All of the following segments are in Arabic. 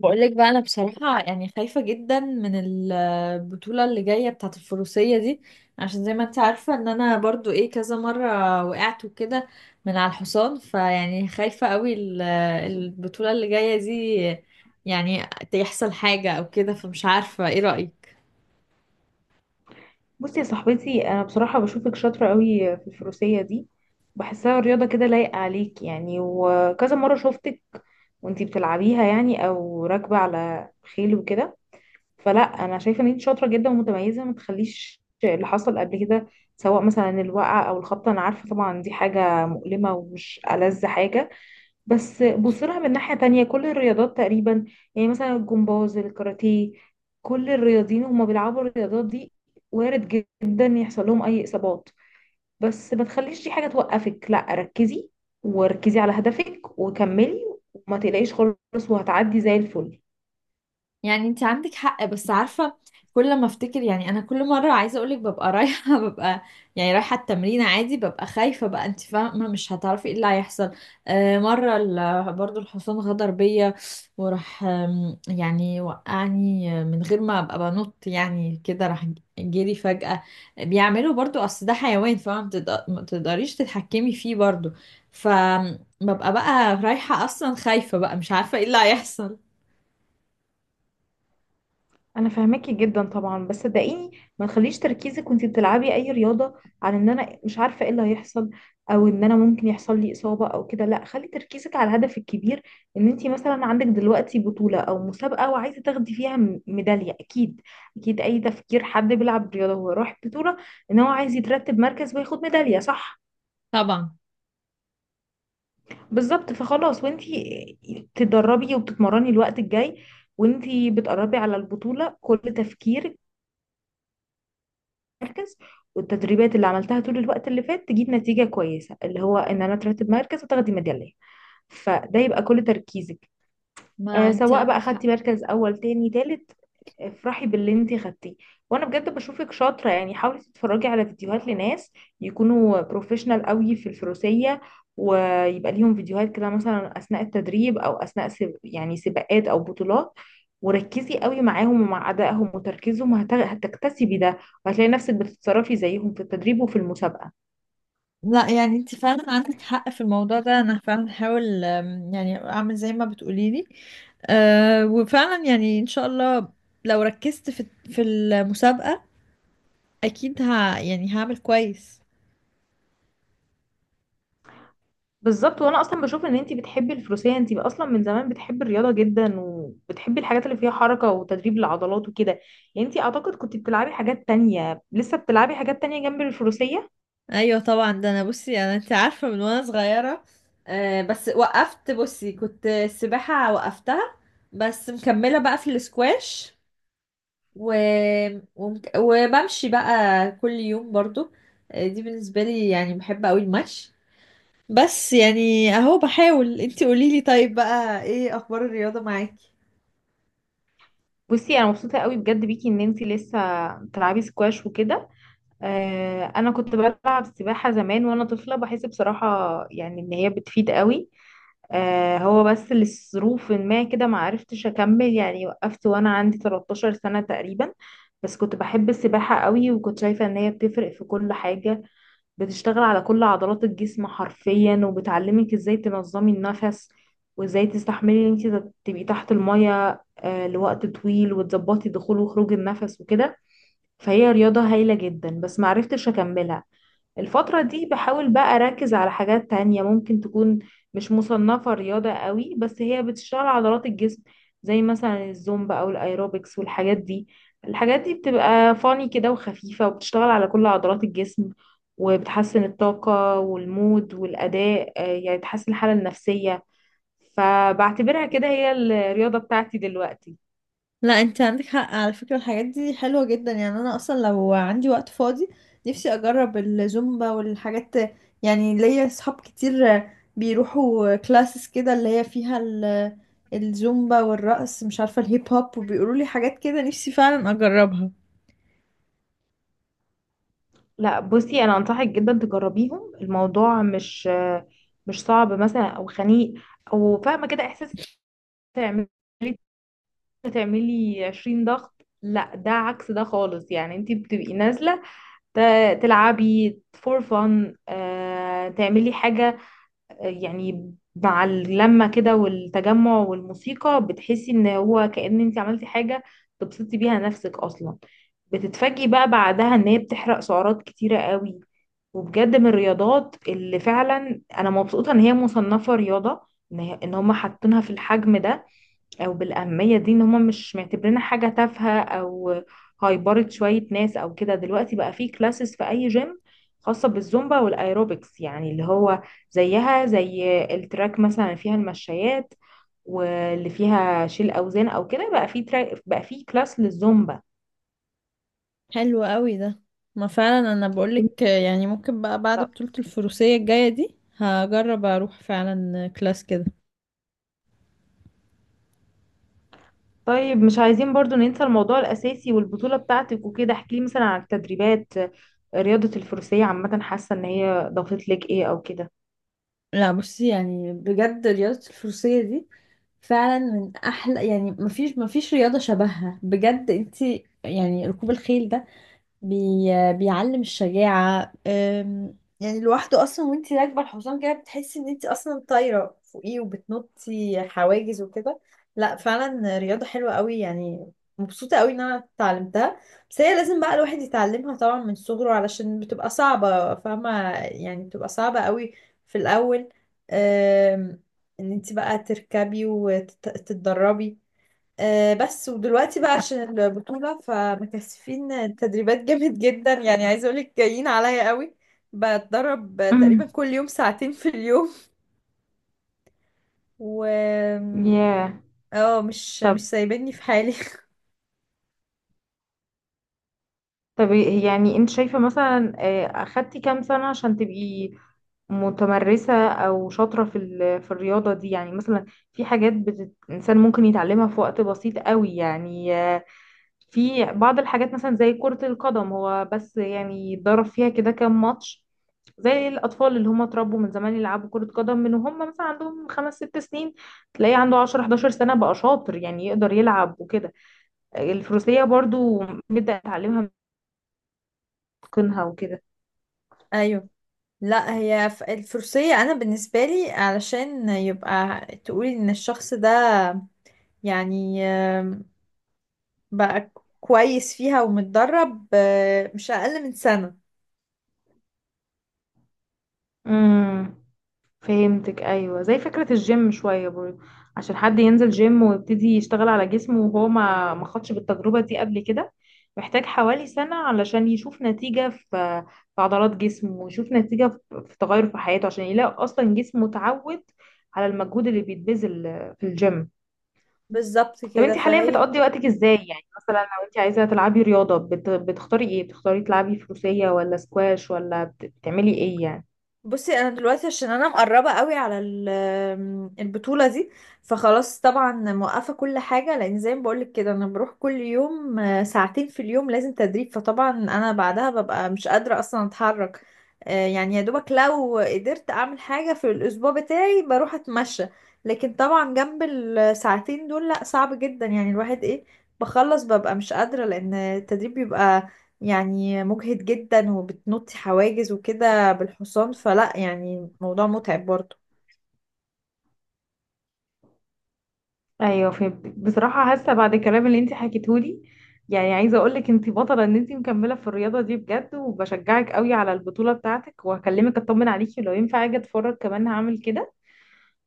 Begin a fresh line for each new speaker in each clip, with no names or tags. بقولك بقى، انا بصراحة يعني خايفة جدا من البطولة اللي جاية بتاعة الفروسية دي. عشان زي ما انت عارفة ان انا برضو ايه كذا مرة وقعت وكده من على الحصان. فيعني خايفة قوي البطولة اللي جاية دي يعني يحصل حاجة او كده. فمش عارفة، ايه رأيك؟
بصي يا صاحبتي، انا بصراحه بشوفك شاطره قوي في الفروسيه دي. بحسها رياضه كده لايقه عليك يعني، وكذا مره شفتك وانتي بتلعبيها يعني او راكبه على خيل وكده. فلا، انا شايفه ان انت شاطره جدا ومتميزه. ما تخليش اللي حصل قبل كده، سواء مثلا الوقعه او الخبطه، انا عارفه طبعا دي حاجه مؤلمه ومش ألذ حاجه، بس بص لها من ناحية تانية. كل الرياضات تقريبا، يعني مثلا الجمباز، الكاراتيه، كل الرياضيين هما بيلعبوا الرياضات دي، وارد جدا يحصل لهم أي إصابات، بس ما تخليش دي حاجة توقفك. لا، ركزي وركزي على هدفك وكملي، وما تقلقيش خالص وهتعدي زي الفل.
يعني انت عندك حق، بس عارفة، كل ما افتكر يعني انا كل مرة عايزة اقولك ببقى رايحة ببقى يعني رايحة التمرين عادي، ببقى خايفة بقى، انت فاهمة؟ مش هتعرفي ايه اللي هيحصل. آه، مرة برضو الحصان غدر بيا وراح، يعني وقعني من غير ما ابقى بنط، يعني كده راح جري فجأة. بيعملوا برضو، اصل ده حيوان، ما تقدريش تتحكمي فيه برضو. فببقى بقى رايحة اصلا خايفة بقى، مش عارفة ايه اللي هيحصل.
انا فاهماكي جدا طبعا، بس صدقيني ما تخليش تركيزك وانتي بتلعبي اي رياضه عن ان انا مش عارفه ايه اللي هيحصل، او ان انا ممكن يحصل لي اصابه او كده. لا، خلي تركيزك على الهدف الكبير، ان انتي مثلا عندك دلوقتي بطوله او مسابقه وعايزه تاخدي فيها ميداليه. اكيد اكيد اي تفكير حد بيلعب رياضه هو راح بطوله ان هو عايز يترتب مركز وياخد ميداليه، صح؟
طبعا.
بالظبط. فخلاص، وانتي تدربي وبتتمرني الوقت الجاي وانتي بتقربي على البطوله، كل تفكيرك مركز، والتدريبات اللي عملتها طول الوقت اللي فات تجيب نتيجة كويسة، اللي هو ان انا اترتب مركز وتاخدي ميدالية. فده يبقى كل تركيزك.
ما انت
سواء بقى
عندك
خدتي
حق.
مركز اول، تاني، تالت، افرحي باللي انتي خدتيه. وانا بجد بشوفك شاطره. يعني حاولي تتفرجي على فيديوهات لناس يكونوا بروفيشنال قوي في الفروسيه، ويبقى ليهم فيديوهات كده مثلا اثناء التدريب او اثناء يعني سباقات او بطولات، وركزي قوي معاهم ومع ادائهم وتركيزهم. هتكتسبي ده، وهتلاقي نفسك بتتصرفي زيهم في التدريب وفي المسابقه.
لا يعني انت فعلا عندك حق في الموضوع ده. انا فعلا هحاول، يعني اعمل زي ما بتقولي لي. أه، وفعلا يعني ان شاء الله لو ركزت في المسابقة اكيد ها يعني هعمل كويس.
بالظبط، وانا اصلا بشوف ان انتي بتحبي الفروسية. انتي اصلا من زمان بتحبي الرياضة جدا، وبتحبي الحاجات اللي فيها حركة وتدريب العضلات وكده. يعني انتي اعتقد كنت بتلعبي حاجات تانية، لسه بتلعبي حاجات تانية جنب الفروسية.
ايوه طبعا، ده انا بصي، انا انت عارفة من وانا صغيرة. أه، بس وقفت. بصي كنت السباحة وقفتها، بس مكملة بقى في الاسكواش. و... وبمشي بقى كل يوم برضو. دي بالنسبة لي يعني بحب قوي المشي. بس يعني اهو بحاول. انتي قوليلي، طيب بقى ايه اخبار الرياضة معاكي؟
بصي، انا مبسوطة قوي بجد بيكي ان انتي لسه بتلعبي سكواش وكده. انا كنت بلعب سباحة زمان وانا طفلة. بحس بصراحة يعني ان هي بتفيد قوي. هو بس لظروف ما كده ما عرفتش اكمل، يعني وقفت وانا عندي 13 سنة تقريبا. بس كنت بحب السباحة قوي، وكنت شايفة ان هي بتفرق في كل حاجة. بتشتغل على كل عضلات الجسم حرفيا، وبتعلمك ازاي تنظمي النفس، وازاي تستحملي ان انت تبقي تحت المية لوقت طويل، وتظبطي دخول وخروج النفس وكده. فهي رياضة هايلة جدا، بس ما عرفتش اكملها. الفترة دي بحاول بقى أركز على حاجات تانية ممكن تكون مش مصنفة رياضة قوي، بس هي بتشتغل عضلات الجسم، زي مثلا الزومبا أو الأيروبكس والحاجات دي. الحاجات دي بتبقى فاني كده وخفيفة، وبتشتغل على كل عضلات الجسم، وبتحسن الطاقة والمود والأداء، يعني بتحسن الحالة النفسية. فبعتبرها كده هي الرياضة بتاعتي دلوقتي.
لا انت عندك حق على فكرة، الحاجات دي حلوة جدا. يعني انا اصلا لو عندي وقت فاضي نفسي اجرب الزومبا والحاجات. يعني ليا اصحاب كتير بيروحوا كلاسز كده اللي هي فيها الزومبا والرقص، مش عارفة، الهيب هوب، وبيقولوا لي حاجات كده، نفسي فعلا اجربها.
لا، بصي، انا انصحك جدا تجربيهم. الموضوع مش صعب مثلا او خنيق، او فاهمه كده احساس تعملي تعملي 20 ضغط. لا، ده عكس ده خالص. يعني انت بتبقي نازله تلعبي فور فن، تعملي حاجه، يعني مع اللمة كده والتجمع والموسيقى بتحسي ان هو كأن انت عملتي حاجة تبسطي بيها نفسك اصلا. بتتفاجئي بقى بعدها ان هي بتحرق سعرات كتيرة قوي. وبجد من الرياضات اللي فعلا انا مبسوطة ان هي مصنفة رياضة، ان إن هما حاطينها في الحجم ده او بالاهميه دي، ان هم مش معتبرينها حاجه تافهه او هيبرد شويه ناس او كده. دلوقتي بقى في كلاسز في اي جيم خاصه بالزومبا والايروبكس، يعني اللي هو زيها زي التراك. مثلا فيها المشايات واللي فيها شيل اوزان او كده، بقى في تراك، بقى في كلاس للزومبا.
حلو قوي ده. ما فعلا انا بقولك، يعني ممكن بقى بعد بطولة الفروسية الجاية دي هجرب اروح فعلا كلاس كده.
طيب، مش عايزين برضو ننسى الموضوع الأساسي والبطولة بتاعتك وكده. احكيلي مثلا عن التدريبات. رياضة الفروسية عامة، حاسة ان هي ضافت لك ايه او كده؟
لا بصي يعني بجد رياضة الفروسية دي فعلا من احلى، يعني مفيش مفيش رياضة شبهها بجد. انتي يعني ركوب الخيل ده بي... بيعلم الشجاعة، يعني لوحده أصلا. وانتي راكبة الحصان كده بتحسي ان انتي أصلا طايرة فوقيه وبتنطي حواجز وكده. لا فعلا رياضة حلوة قوي يعني. مبسوطة قوي ان انا اتعلمتها. بس هي لازم بقى الواحد يتعلمها طبعا من صغره علشان بتبقى صعبة، فاهمة؟ يعني بتبقى صعبة قوي في الأول، أم... ان انتي بقى تركبي وتتدربي. بس ودلوقتي بقى عشان البطولة فمكثفين تدريبات جامد جدا، يعني عايزة اقولك جايين عليا قوي. بتدرب
امم.
تقريبا كل يوم ساعتين في اليوم. و
ياه.
اه مش
yeah.
مش سايبني في حالي.
طب يعني انت شايفة مثلا، اخدتي كام سنة عشان تبقي متمرسة او شاطرة في في الرياضة دي؟ يعني مثلا في حاجات الانسان ممكن يتعلمها في وقت بسيط قوي. يعني في بعض الحاجات مثلا زي كرة القدم، هو بس يعني اتدرب فيها كده كام ماتش، زي الأطفال اللي هم اتربوا من زمان يلعبوا كرة قدم من وهم مثلا عندهم خمس ست سنين، تلاقيه عنده 10 11 سنة بقى شاطر، يعني يقدر يلعب وكده. الفروسية برضو بدأ يتعلمها من تقنها وكده.
ايوه. لا هي الفروسية انا بالنسبة لي علشان يبقى تقولي ان الشخص ده يعني، بقى كويس فيها ومتدرب، مش اقل من سنة.
امم. فهمتك. ايوه، زي فكره الجيم شويه برضه. عشان حد ينزل جيم ويبتدي يشتغل على جسمه وهو ما خدش بالتجربه دي قبل كده، محتاج حوالي سنه علشان يشوف نتيجه في في عضلات جسمه، ويشوف نتيجه في تغير في حياته، عشان يلاقي اصلا جسمه اتعود على المجهود اللي بيتبذل في الجيم.
بالظبط
طب
كده
انت حاليا
فهي.
بتقضي وقتك ازاي؟ يعني مثلا لو انت عايزه تلعبي رياضه بتختاري ايه؟ بتختاري تلعبي فروسيه ولا سكواش ولا بتعملي ايه يعني؟
بصي انا دلوقتي عشان انا مقربه قوي على البطوله دي فخلاص طبعا موقفه كل حاجه. لان زي ما بقولك كده انا بروح كل يوم، ساعتين في اليوم لازم تدريب. فطبعا انا بعدها ببقى مش قادره اصلا اتحرك. يعني يا دوبك لو قدرت اعمل حاجه في الاسبوع بتاعي بروح اتمشى. لكن طبعا جنب الساعتين دول لا صعب جدا، يعني الواحد ايه، بخلص ببقى مش قادره لان التدريب بيبقى يعني مجهد جدا وبتنطي حواجز وكده بالحصان، فلا يعني موضوع متعب برضه.
ايوه فهمتك. بصراحه حاسه بعد الكلام اللي انت حكيتهولي، يعني عايزه اقول لك انت بطله، ان انت مكمله في الرياضه دي بجد. وبشجعك قوي على البطوله بتاعتك، وهكلمك اطمن عليكي، لو ينفع اجي اتفرج كمان هعمل كده.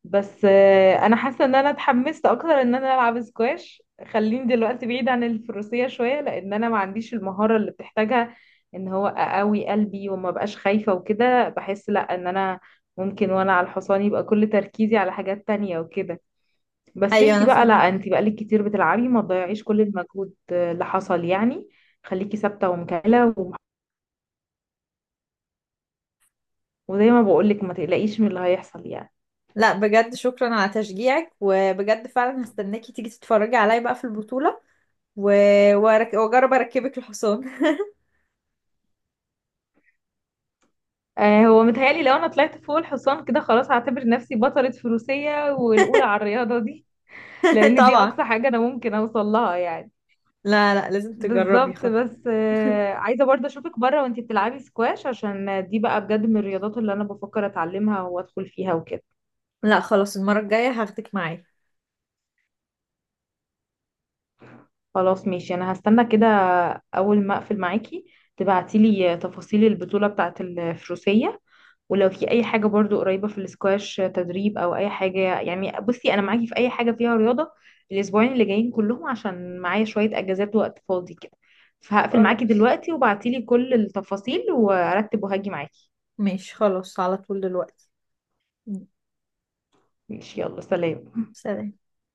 بس انا حاسه ان انا اتحمست اكتر ان انا العب سكواش. خليني دلوقتي بعيد عن الفروسيه شويه، لان انا ما عنديش المهاره اللي بتحتاجها ان هو اقوي قلبي وما بقاش خايفه وكده. بحس لا، ان انا ممكن وانا على الحصان يبقى كل تركيزي على حاجات تانية وكده. بس
ايوه
انتي
انا
بقى لا،
فاهمه.
انتي بقالك كتير بتلعبي، ما تضيعيش كل المجهود اللي حصل يعني. خليكي ثابته ومكمله وزي ما بقولك ما تقلقيش من اللي هيحصل يعني.
لا بجد شكرا على تشجيعك، وبجد فعلا هستناكي تيجي تتفرجي عليا بقى في البطولة. و... واجرب اركبك الحصان
هو متهيألي لو انا طلعت فوق الحصان كده خلاص هعتبر نفسي بطلة فروسية والاولى على الرياضة دي، لان دي
طبعا.
اقصى حاجة انا ممكن اوصل لها يعني.
لا لا لازم تجربي
بالظبط. بس عايزة برضه اشوفك بره وانتي بتلعبي سكواش، عشان دي بقى بجد من الرياضات اللي انا بفكر اتعلمها وادخل فيها وكده.
لا خلاص، المرة الجاية هاخدك معايا.
خلاص ماشي، انا هستنى كده. اول ما اقفل معاكي تبعتيلي تفاصيل البطولة بتاعة الفروسية. ولو في اي حاجة برضو قريبة في الاسكواش، تدريب او اي حاجة، يعني بصي انا معاكي في اي حاجة فيها رياضة. الاسبوعين اللي جايين كلهم عشان معايا شوية اجازات، وقت فاضي كده. فهقفل معاكي
خلاص
دلوقتي، وبعتيلي كل التفاصيل وارتب وهاجي معاكي.
ماشي، خلاص على طول دلوقتي.
ماشي، يلا سلام.
سلام.